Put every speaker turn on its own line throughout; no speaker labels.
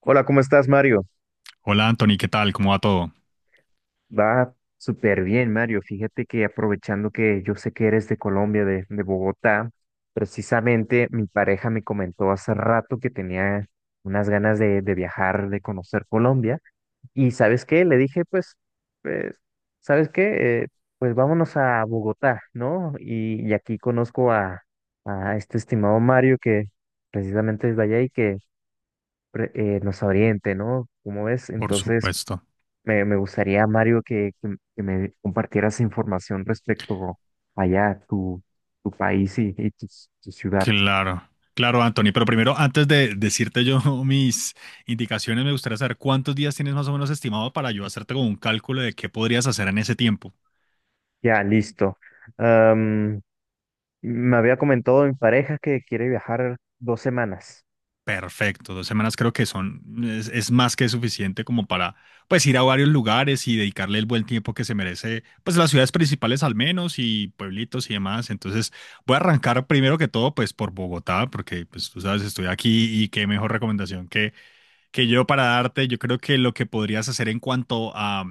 Hola, ¿cómo estás, Mario?
Hola Anthony, ¿qué tal? ¿Cómo va todo?
Va súper bien, Mario. Fíjate que aprovechando que yo sé que eres de Colombia, de Bogotá, precisamente mi pareja me comentó hace rato que tenía unas ganas de viajar, de conocer Colombia. Y ¿sabes qué? Le dije, pues, pues, ¿sabes qué? Pues vámonos a Bogotá, ¿no? Y aquí conozco a este estimado Mario que precisamente es de allá y que nos oriente, ¿no? Como ves?
Por
Entonces
supuesto.
me gustaría, Mario, que me compartieras información respecto allá, a tu, tu país y tu, tu ciudad.
Claro, claro Anthony, pero primero, antes de decirte yo mis indicaciones, me gustaría saber cuántos días tienes más o menos estimado para yo hacerte como un cálculo de qué podrías hacer en ese tiempo.
Ya, listo. Am, Me había comentado mi pareja que quiere viajar dos semanas.
Perfecto, dos semanas creo que son, es más que suficiente como para pues ir a varios lugares y dedicarle el buen tiempo que se merece, pues las ciudades principales al menos y pueblitos y demás. Entonces voy a arrancar primero que todo pues por Bogotá, porque pues tú sabes, estoy aquí y qué mejor recomendación que yo para darte, yo creo que lo que podrías hacer en cuanto a,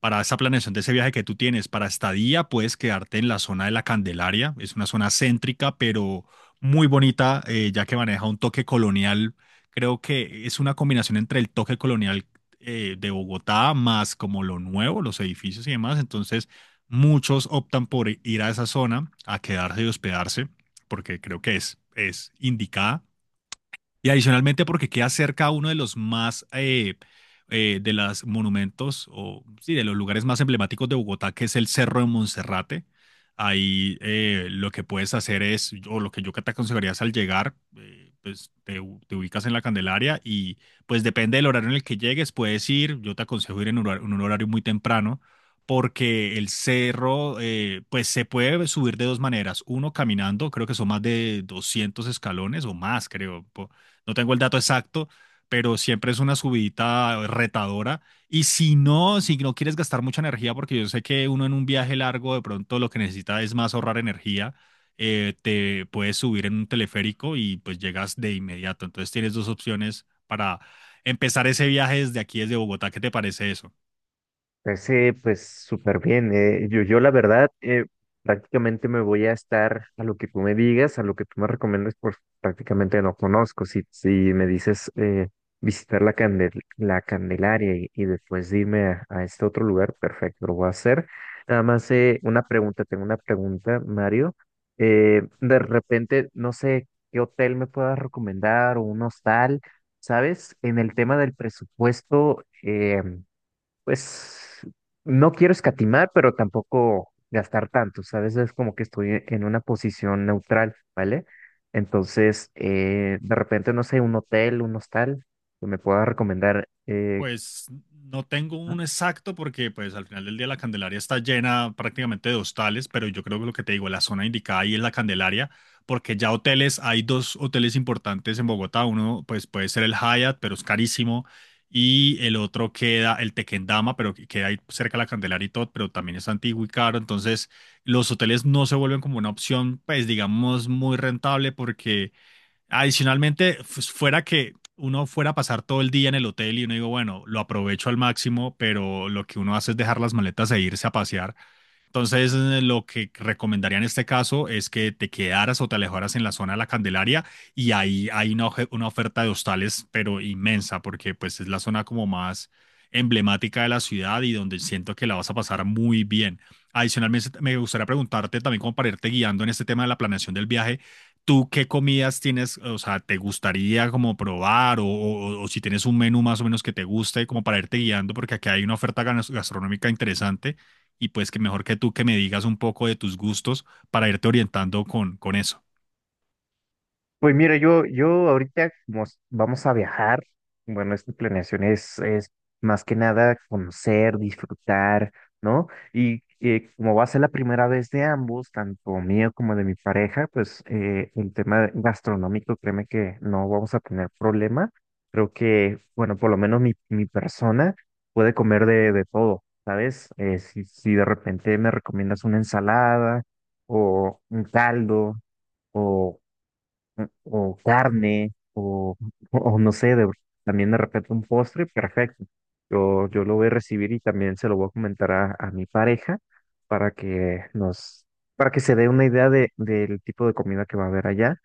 para esa planeación de ese viaje que tú tienes, para estadía, puedes quedarte en la zona de la Candelaria. Es una zona céntrica, pero muy bonita, ya que maneja un toque colonial. Creo que es una combinación entre el toque colonial de Bogotá más como lo nuevo, los edificios y demás. Entonces, muchos optan por ir a esa zona, a quedarse y hospedarse, porque creo que es indicada. Y adicionalmente porque queda cerca a uno de los más, de los monumentos, o sí, de los lugares más emblemáticos de Bogotá, que es el Cerro de Monserrate. Ahí lo que puedes hacer es, o lo que yo te aconsejaría es al llegar, pues te, te ubicas en la Candelaria y pues depende del horario en el que llegues, puedes ir, yo te aconsejo ir en un horario muy temprano, porque el cerro, pues se puede subir de dos maneras. Uno, caminando, creo que son más de 200 escalones o más, creo. No tengo el dato exacto, pero siempre es una subidita retadora. Y si no, si no quieres gastar mucha energía, porque yo sé que uno en un viaje largo de pronto lo que necesita es más ahorrar energía, te puedes subir en un teleférico y pues llegas de inmediato. Entonces tienes dos opciones para empezar ese viaje desde aquí, desde Bogotá. ¿Qué te parece eso?
Pues, pues súper bien. Yo la verdad prácticamente me voy a estar a lo que tú me digas, a lo que tú me recomiendas, pues prácticamente no conozco. Si, si me dices visitar la, la Candelaria y después irme a este otro lugar, perfecto, lo voy a hacer. Nada más una pregunta, tengo una pregunta, Mario. De repente, no sé qué hotel me puedas recomendar o un hostal, ¿sabes? En el tema del presupuesto. Pues no quiero escatimar, pero tampoco gastar tanto, ¿sabes? Es como que estoy en una posición neutral, ¿vale? Entonces, de repente, no sé, un hotel, un hostal, que me pueda recomendar
Pues no tengo un exacto porque pues al final del día la Candelaria está llena prácticamente de hostales, pero yo creo que lo que te digo, la zona indicada ahí es la Candelaria, porque ya hoteles, hay dos hoteles importantes en Bogotá, uno pues puede ser el Hyatt, pero es carísimo, y el otro queda el Tequendama, pero que queda ahí cerca de la Candelaria y todo, pero también es antiguo y caro, entonces los hoteles no se vuelven como una opción pues digamos muy rentable porque adicionalmente, pues, fuera que uno fuera a pasar todo el día en el hotel y uno digo, bueno, lo aprovecho al máximo, pero lo que uno hace es dejar las maletas e irse a pasear entonces, lo que recomendaría en este caso es que te quedaras o te alejaras en la zona de la Candelaria y ahí hay una, una oferta de hostales, pero inmensa, porque pues es la zona como más emblemática de la ciudad y donde siento que la vas a pasar muy bien. Adicionalmente, me gustaría preguntarte también como para irte guiando en este tema de la planeación del viaje, ¿tú qué comidas tienes, o sea, te gustaría como probar o, o si tienes un menú más o menos que te guste como para irte guiando, porque aquí hay una oferta gastronómica interesante y pues que mejor que tú que me digas un poco de tus gustos para irte orientando con eso.
pues mira, yo ahorita como vamos a viajar, bueno, esta planeación es más que nada conocer, disfrutar, ¿no? Y como va a ser la primera vez de ambos, tanto mío como de mi pareja, pues el tema gastronómico, créeme que no vamos a tener problema. Creo que, bueno, por lo menos mi persona puede comer de todo, ¿sabes? Si, si de repente me recomiendas una ensalada o un caldo o carne, o, o no sé, también de repente un postre, perfecto. Yo lo voy a recibir y también se lo voy a comentar a mi pareja para que nos, para que se dé una idea de, del tipo de comida que va a haber allá.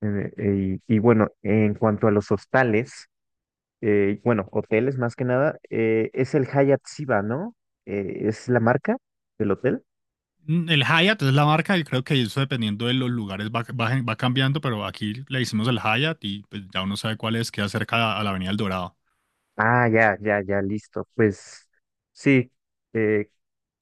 Y bueno, en cuanto a los hostales, bueno, hoteles más que nada, es el Hyatt Ziva, ¿no? Es la marca del hotel.
Mm, el Hyatt es la marca y creo que eso dependiendo de los lugares va, va cambiando, pero aquí le hicimos el Hyatt y pues ya uno sabe cuál es, queda cerca a la Avenida El Dorado.
Ah, ya, ya, ya, listo. Pues sí, eh,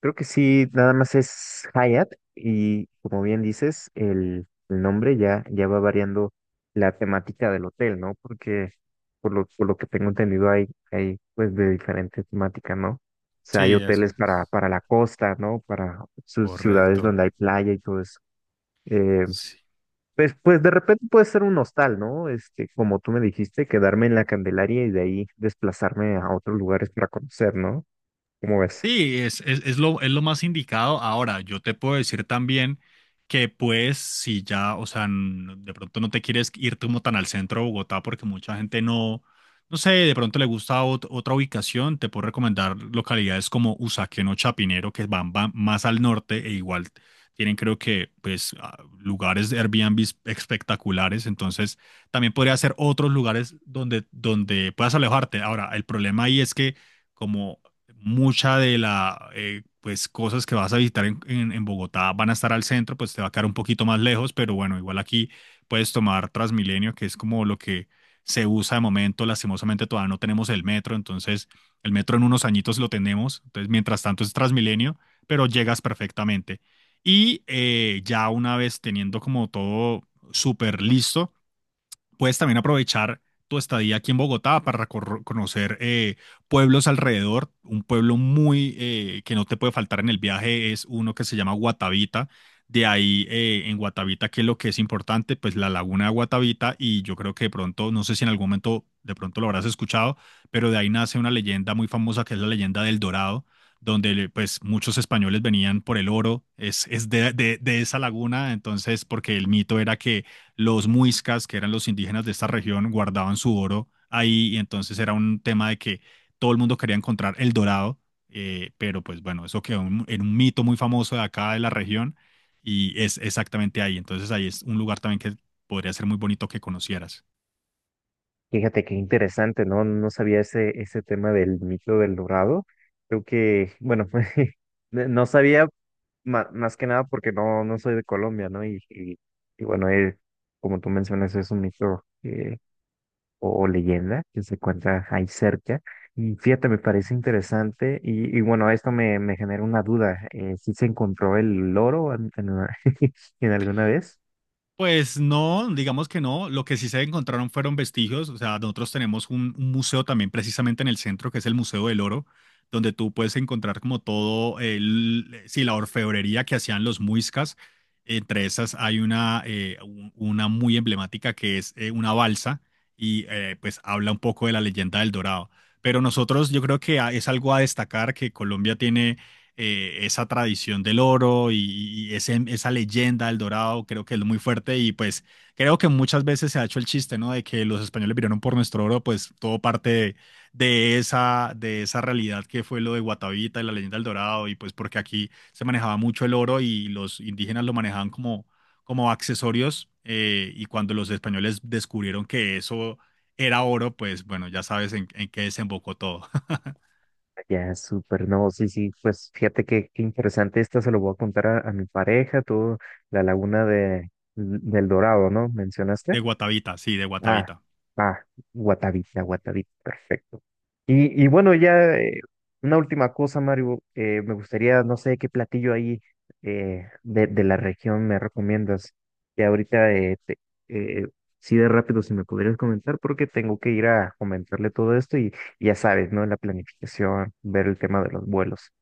creo que sí, nada más es Hayat y como bien dices, el nombre ya, ya va variando la temática del hotel, ¿no? Porque por lo que tengo entendido hay, hay pues de diferente temática, ¿no? O sea, hay
Sí, eso
hoteles
es
para la costa, ¿no? Para sus ciudades
correcto.
donde hay playa y todo eso. Eh,
Sí.
pues, pues de repente puede ser un hostal, ¿no? Este, como tú me dijiste, quedarme en la Candelaria y de ahí desplazarme a otros lugares para conocer, ¿no? ¿Cómo ves?
Sí, es lo más indicado. Ahora, yo te puedo decir también que pues si ya, o sea, de pronto no te quieres ir como tan al centro de Bogotá porque mucha gente no, no sé, de pronto le gusta otra ubicación, te puedo recomendar localidades como Usaquén o Chapinero que van, van más al norte e igual tienen creo que pues lugares de Airbnb espectaculares, entonces también podría ser otros lugares donde, donde puedas alejarte. Ahora, el problema ahí es que… Como mucha de la, pues, cosas que vas a visitar en, en Bogotá van a estar al centro, pues te va a quedar un poquito más lejos, pero bueno, igual aquí puedes tomar Transmilenio, que es como lo que se usa de momento. Lastimosamente todavía no tenemos el metro, entonces el metro en unos añitos lo tenemos. Entonces, mientras tanto es Transmilenio, pero llegas perfectamente. Y ya una vez teniendo como todo súper listo, puedes también aprovechar tu estadía aquí en Bogotá para conocer pueblos alrededor. Un pueblo muy que no te puede faltar en el viaje es uno que se llama Guatavita. De ahí en Guatavita, ¿qué es lo que es importante? Pues la laguna de Guatavita y yo creo que de pronto, no sé si en algún momento de pronto lo habrás escuchado, pero de ahí nace una leyenda muy famosa que es la leyenda del Dorado, donde pues muchos españoles venían por el oro, es de, de esa laguna, entonces porque el mito era que los muiscas, que eran los indígenas de esta región, guardaban su oro ahí y entonces era un tema de que todo el mundo quería encontrar el Dorado, pero pues bueno, eso quedó en un mito muy famoso de acá de la región y es exactamente ahí. Entonces ahí es un lugar también que podría ser muy bonito que conocieras.
Fíjate qué interesante, ¿no? No sabía ese, ese tema del mito del Dorado. Creo que, bueno, no no sabía más que nada porque no, no soy de Colombia, ¿no? Y bueno, como tú mencionas, es un mito o leyenda que se encuentra ahí cerca. Y fíjate, me parece interesante y bueno, esto me, me genera una duda. ¿Si se encontró el loro en, en alguna vez?
Pues no, digamos que no. Lo que sí se encontraron fueron vestigios. O sea, nosotros tenemos un museo también precisamente en el centro, que es el Museo del Oro, donde tú puedes encontrar como todo, el, sí, la orfebrería que hacían los muiscas. Entre esas hay una, una muy emblemática que es una balsa y pues habla un poco de la leyenda del Dorado. Pero nosotros yo creo que es algo a destacar que Colombia tiene esa tradición del oro y, y esa leyenda del Dorado, creo que es muy fuerte y pues creo que muchas veces se ha hecho el chiste, ¿no? De que los españoles vinieron por nuestro oro, pues todo parte de esa realidad que fue lo de Guatavita y la leyenda del Dorado y pues porque aquí se manejaba mucho el oro y los indígenas lo manejaban como, como accesorios y cuando los españoles descubrieron que eso era oro, pues bueno, ya sabes en qué desembocó todo.
Ya, súper, no, sí, sí, pues fíjate que, qué interesante, esta se lo voy a contar a mi pareja, tú, la laguna de, del Dorado, ¿no? ¿Mencionaste?
De
Ah,
Guatavita.
ah, Guatavita, Guatavita, perfecto. Y bueno, ya una última cosa, Mario. Me gustaría, no sé qué platillo ahí de la región me recomiendas. Que ahorita, eh, sí de rápido, si me podrías comentar, porque tengo que ir a comentarle todo esto y ya sabes, ¿no? La planificación, ver el tema de los vuelos.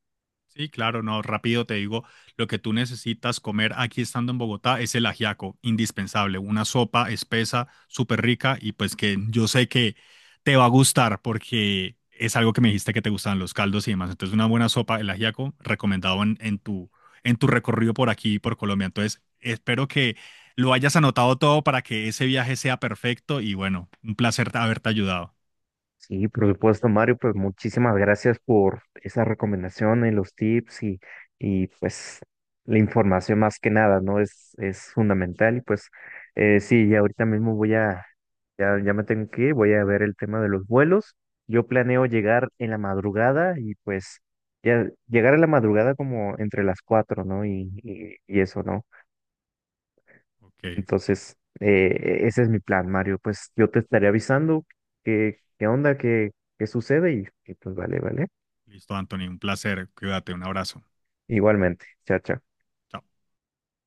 Sí, claro, no, rápido te digo, lo que tú necesitas comer aquí estando en Bogotá es el ajiaco, indispensable, una sopa espesa, súper rica y pues que yo sé que te va a gustar porque es algo que me dijiste que te gustaban los caldos y demás. Entonces, una buena sopa, el ajiaco, recomendado en tu recorrido por aquí, por Colombia. Entonces, espero que lo hayas anotado todo para que ese viaje sea perfecto y bueno, un placer haberte ayudado.
Sí, por supuesto, Mario, pues muchísimas gracias por esas recomendaciones, los tips y pues la información más que nada, ¿no? Es fundamental y pues sí, ya ahorita mismo voy a, ya, ya me tengo que ir, voy a ver el tema de los vuelos. Yo planeo llegar en la madrugada y pues ya llegar a la madrugada como entre las 4, ¿no? Y eso, ¿no?
Ok,
Entonces, ese es mi plan, Mario. Pues yo te estaré avisando qué, qué onda, qué, qué sucede y pues vale, vale.
listo, Anthony, un placer, cuídate, un abrazo.
Igualmente, chao, chao.
Chao.